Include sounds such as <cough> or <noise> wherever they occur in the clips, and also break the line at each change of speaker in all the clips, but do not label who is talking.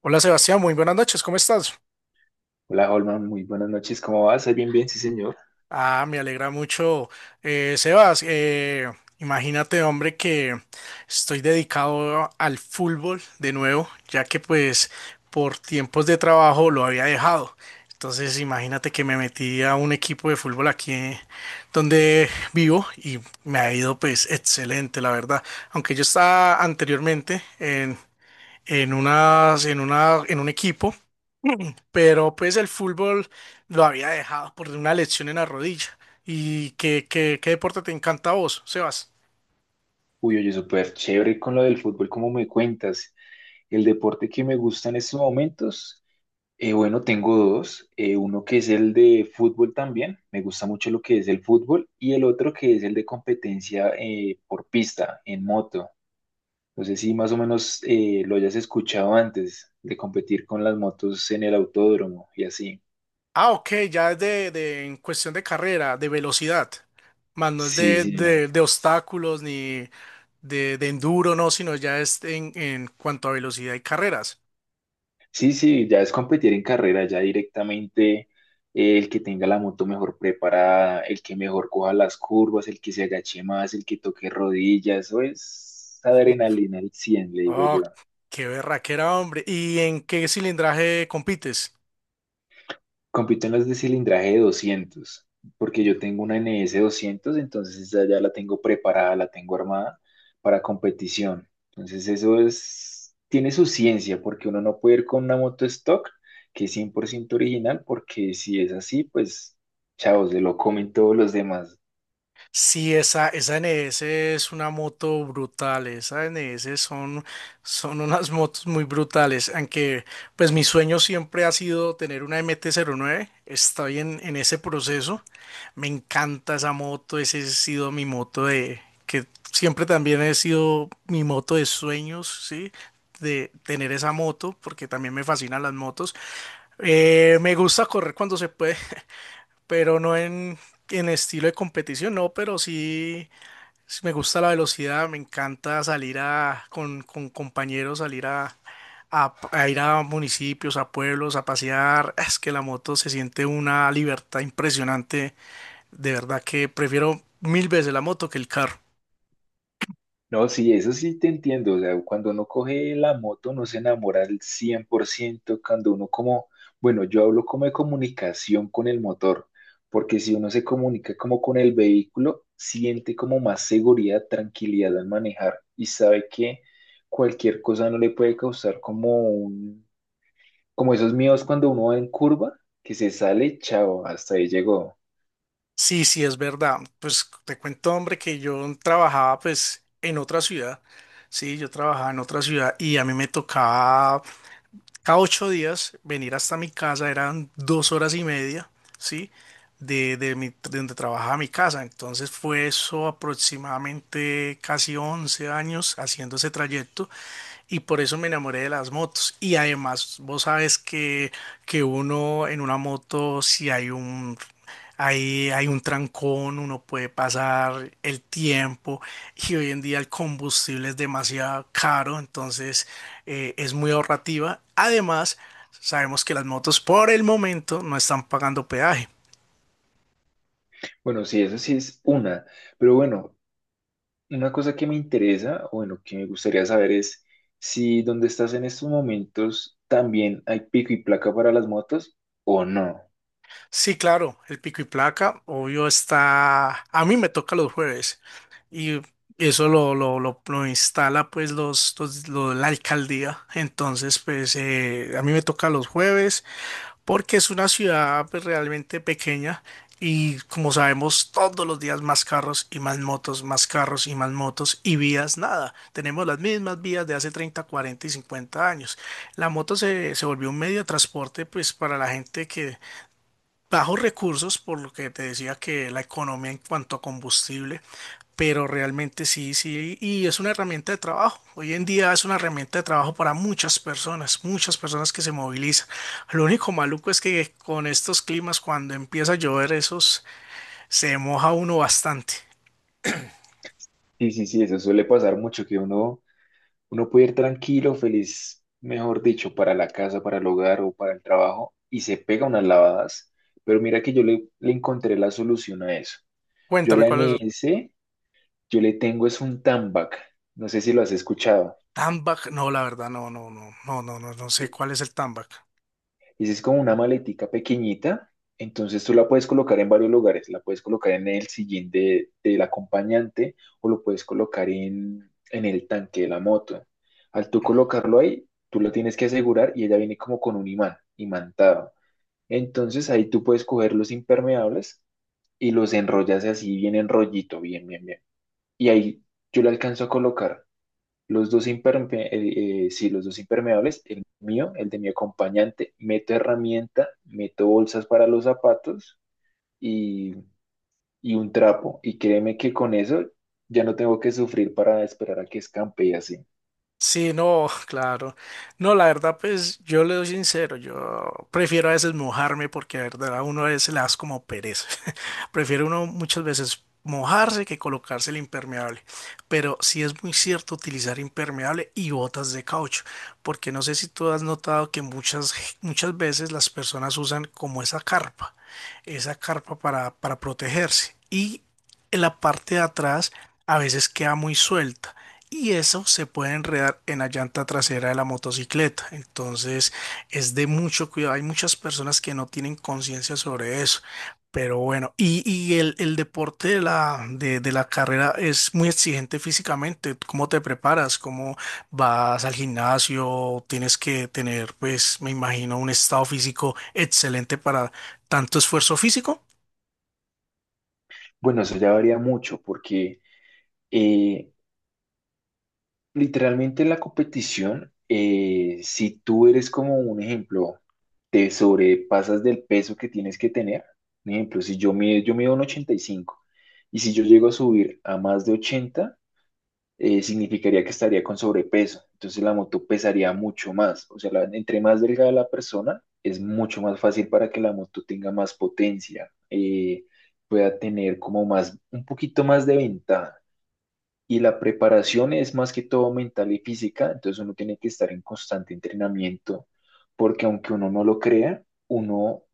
Hola Sebastián, muy buenas noches, ¿cómo estás?
Hola, Holman, muy buenas noches. ¿Cómo vas? Ay, bien, bien, sí, señor.
Ah, me alegra mucho, Sebas. Imagínate, hombre, que estoy dedicado al fútbol de nuevo, ya que pues por tiempos de trabajo lo había dejado. Entonces, imagínate que me metí a un equipo de fútbol aquí, donde vivo, y me ha ido pues excelente, la verdad. Aunque yo estaba anteriormente en unas, en una, en un equipo, pero pues el fútbol lo había dejado por una lesión en la rodilla. ¿Y qué deporte te encanta a vos, Sebas?
Uy, oye, súper chévere con lo del fútbol, ¿cómo me cuentas? El deporte que me gusta en estos momentos, bueno, tengo dos. Uno que es el de fútbol también, me gusta mucho lo que es el fútbol, y el otro que es el de competencia por pista, en moto. No sé si más o menos lo hayas escuchado antes, de competir con las motos en el autódromo y así.
Ah, ok, ya es en cuestión de carrera, de velocidad, más no es
Sí, sí.
de obstáculos ni de enduro, no, sino ya es en cuanto a velocidad y carreras.
Sí, sí, ya es competir en carrera, ya directamente el que tenga la moto mejor preparada, el que mejor coja las curvas, el que se agache más, el que toque rodillas, eso es
Oh,
adrenalina al 100, le digo
oh,
yo.
qué berraquera, hombre. ¿Y en qué cilindraje compites?
Compito en las de cilindraje de 200, porque yo tengo una NS 200, entonces esa ya la tengo preparada, la tengo armada para competición. Entonces eso es, tiene su ciencia, porque uno no puede ir con una moto stock que es 100% original, porque si es así, pues chao, se lo comen todos los demás.
Sí, esa NS es una moto brutal, esa NS son unas <laughs> motos muy brutales, aunque pues mi sueño siempre ha sido tener una MT-09, estoy en ese proceso. Me encanta esa moto, ese ha sido mi moto que siempre también ha sido mi moto de sueños, ¿sí? De tener esa moto, porque también me fascinan las motos. Me gusta correr cuando se puede, pero no en estilo de competición, no, pero sí, sí me gusta la velocidad. Me encanta salir con compañeros, salir a ir a municipios, a pueblos, a pasear. Es que la moto se siente una libertad impresionante, de verdad que prefiero mil veces la moto que el carro.
No, sí, eso sí te entiendo. O sea, cuando uno coge la moto no se enamora al 100%. Cuando uno como, bueno, yo hablo como de comunicación con el motor, porque si uno se comunica como con el vehículo, siente como más seguridad, tranquilidad al manejar y sabe que cualquier cosa no le puede causar como un, como esos miedos cuando uno va en curva, que se sale, chao, hasta ahí llegó.
Sí, sí, es verdad. Pues te cuento, hombre, que yo trabajaba pues en otra ciudad. Sí, yo trabajaba en otra ciudad y a mí me tocaba cada 8 días venir hasta mi casa, eran 2 horas y media, ¿sí? De donde trabajaba mi casa. Entonces fue eso aproximadamente casi 11 años haciendo ese trayecto, y por eso me enamoré de las motos. Y además, vos sabes que uno en una moto, si hay un trancón, uno puede pasar el tiempo, y hoy en día el combustible es demasiado caro, entonces es muy ahorrativa. Además, sabemos que las motos por el momento no están pagando peaje.
Bueno, sí, eso sí es una, pero bueno. Una cosa que me interesa, o bueno, que me gustaría saber es si donde estás en estos momentos también hay pico y placa para las motos o no.
Sí, claro, el pico y placa, obvio, está, a mí me toca los jueves, y eso lo instala pues la alcaldía. Entonces pues, a mí me toca los jueves porque es una ciudad pues realmente pequeña, y como sabemos, todos los días más carros y más motos, más carros y más motos y vías, nada, tenemos las mismas vías de hace 30, 40 y 50 años. La moto se volvió un medio de transporte pues para la gente bajos recursos, por lo que te decía, que la economía en cuanto a combustible. Pero realmente sí, sí, y es una herramienta de trabajo. Hoy en día es una herramienta de trabajo para muchas personas que se movilizan. Lo único maluco es que con estos climas, cuando empieza a llover, esos, se moja uno bastante.
Sí, sí, sí, eso suele pasar mucho, que uno, uno puede ir tranquilo, feliz, mejor dicho, para la casa, para el hogar o para el trabajo y se pega unas lavadas. Pero mira que yo le, le encontré la solución a eso. Yo a
Cuéntame
la
cuál es
N
el
S yo le tengo es un TAMBAC. No sé si lo has escuchado.
Tambac. No, la verdad, no, no, no, no, no, no, no
e,
sé cuál es el Tambac.
Esa es como una maletica pequeñita, entonces tú la puedes colocar en varios lugares, la puedes colocar en el sillín de, del acompañante o lo puedes colocar en el tanque de la moto. Al tú colocarlo ahí, tú lo tienes que asegurar y ella viene como con un imán, imantado. Entonces ahí tú puedes coger los impermeables y los enrollas así bien enrollito, bien, bien, bien. Y ahí yo le alcanzo a colocar los dos sí, los dos impermeables, el mío, el de mi acompañante, meto herramienta, meto bolsas para los zapatos y, y un trapo. Y créeme que con eso ya no tengo que sufrir para esperar a que escampe y así.
Sí, no, <laughs> claro. No, la verdad, pues yo le doy sincero, yo prefiero a veces mojarme, porque la verdad a uno a veces le das como pereza. <laughs> Prefiero uno muchas veces mojarse que colocarse el impermeable. Pero sí es muy cierto utilizar impermeable y botas de caucho, porque no sé si tú has notado que muchas, muchas veces las personas usan como esa carpa para protegerse. Y en la parte de atrás a veces queda muy suelta, y eso se puede enredar en la llanta trasera de la motocicleta. Entonces es de mucho cuidado. Hay muchas personas que no tienen conciencia sobre eso. Pero bueno, y el deporte de la carrera es muy exigente físicamente. ¿Cómo te preparas? ¿Cómo vas al gimnasio? Tienes que tener, pues, me imagino, un estado físico excelente para tanto esfuerzo físico.
Bueno, eso ya varía mucho porque eh, literalmente la competición, si tú eres como un ejemplo, te sobrepasas del peso que tienes que tener. Un ejemplo, si yo mido, yo mido un 85 y cinco y si yo llego a subir a más de 80, significaría que estaría con sobrepeso. Entonces la moto pesaría mucho más. O sea, entre más delgada la persona, es mucho más fácil para que la moto tenga más potencia, pueda tener como más, un poquito más de ventaja. Y la preparación es más que todo mental y física, entonces uno tiene que estar en constante entrenamiento, porque aunque uno no lo crea, uno,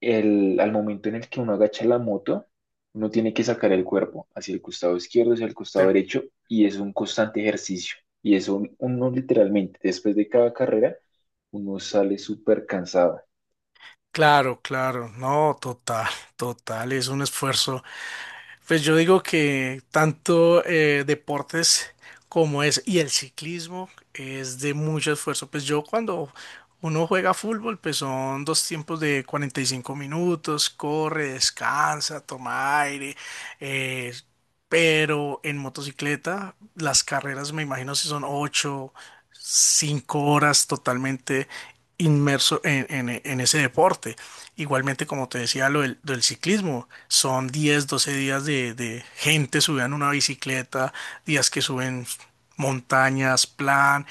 al momento en el que uno agacha la moto, uno tiene que sacar el cuerpo hacia el costado izquierdo, hacia el
Sí.
costado derecho, y es un constante ejercicio. Y eso uno literalmente, después de cada carrera, uno sale súper cansado.
Claro, claro, no, total, total, es un esfuerzo. Pues yo digo que tanto, deportes como es y el ciclismo, es de mucho esfuerzo. Pues yo cuando uno juega fútbol, pues son dos tiempos de 45 minutos, corre, descansa, toma aire. eh, pero en motocicleta, las carreras, me imagino, si son 8 5 horas totalmente inmerso en ese deporte. Igualmente, como te decía, lo del ciclismo, son 10 12 días de gente subiendo una bicicleta, días que suben montañas, plan.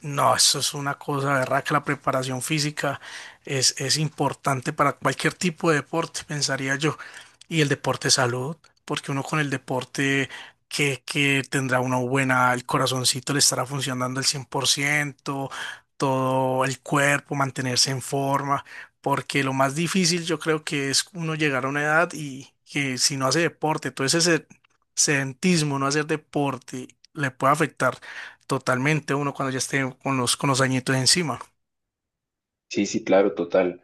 No, eso es una cosa, verdad, que la preparación física es importante para cualquier tipo de deporte, pensaría yo. Y el deporte salud, porque uno con el deporte que tendrá una buena, el corazoncito le estará funcionando al 100%, todo el cuerpo, mantenerse en forma, porque lo más difícil, yo creo que es uno llegar a una edad y que si no hace deporte, todo ese se- sedentismo, no hacer deporte, le puede afectar totalmente a uno cuando ya esté con los añitos encima.
Sí, sí, claro, total.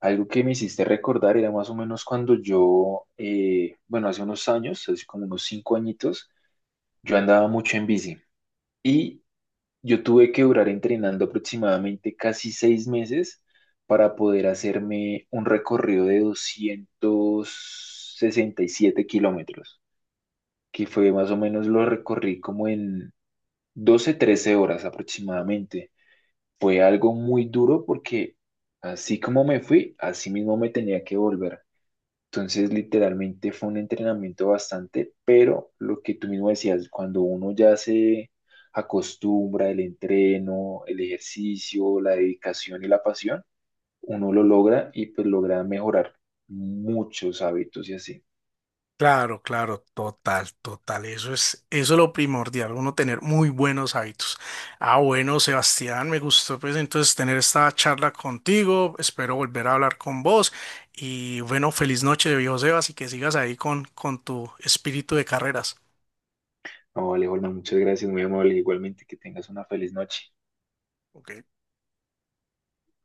Algo que me hiciste recordar era más o menos cuando yo, bueno, hace unos años, hace como unos 5 añitos, yo andaba mucho en bici y yo tuve que durar entrenando aproximadamente casi 6 meses para poder hacerme un recorrido de 267 kilómetros, que fue más o menos lo recorrí como en 12, 13 horas aproximadamente fue algo muy duro porque así como me fui, así mismo me tenía que volver. Entonces, literalmente fue un entrenamiento bastante, pero lo que tú mismo decías, cuando uno ya se acostumbra el entreno, el ejercicio, la dedicación y la pasión, uno lo logra y pues logra mejorar muchos hábitos y así.
Claro, claro, total, total. Eso es lo primordial, uno tener muy buenos hábitos. Ah, bueno, Sebastián, me gustó pues entonces tener esta charla contigo. Espero volver a hablar con vos. Y bueno, feliz noche, viejo Sebas, y que sigas ahí con tu espíritu de carreras.
No, vale, Holman, muchas gracias, muy amable. Igualmente, que tengas una feliz noche.
Ok.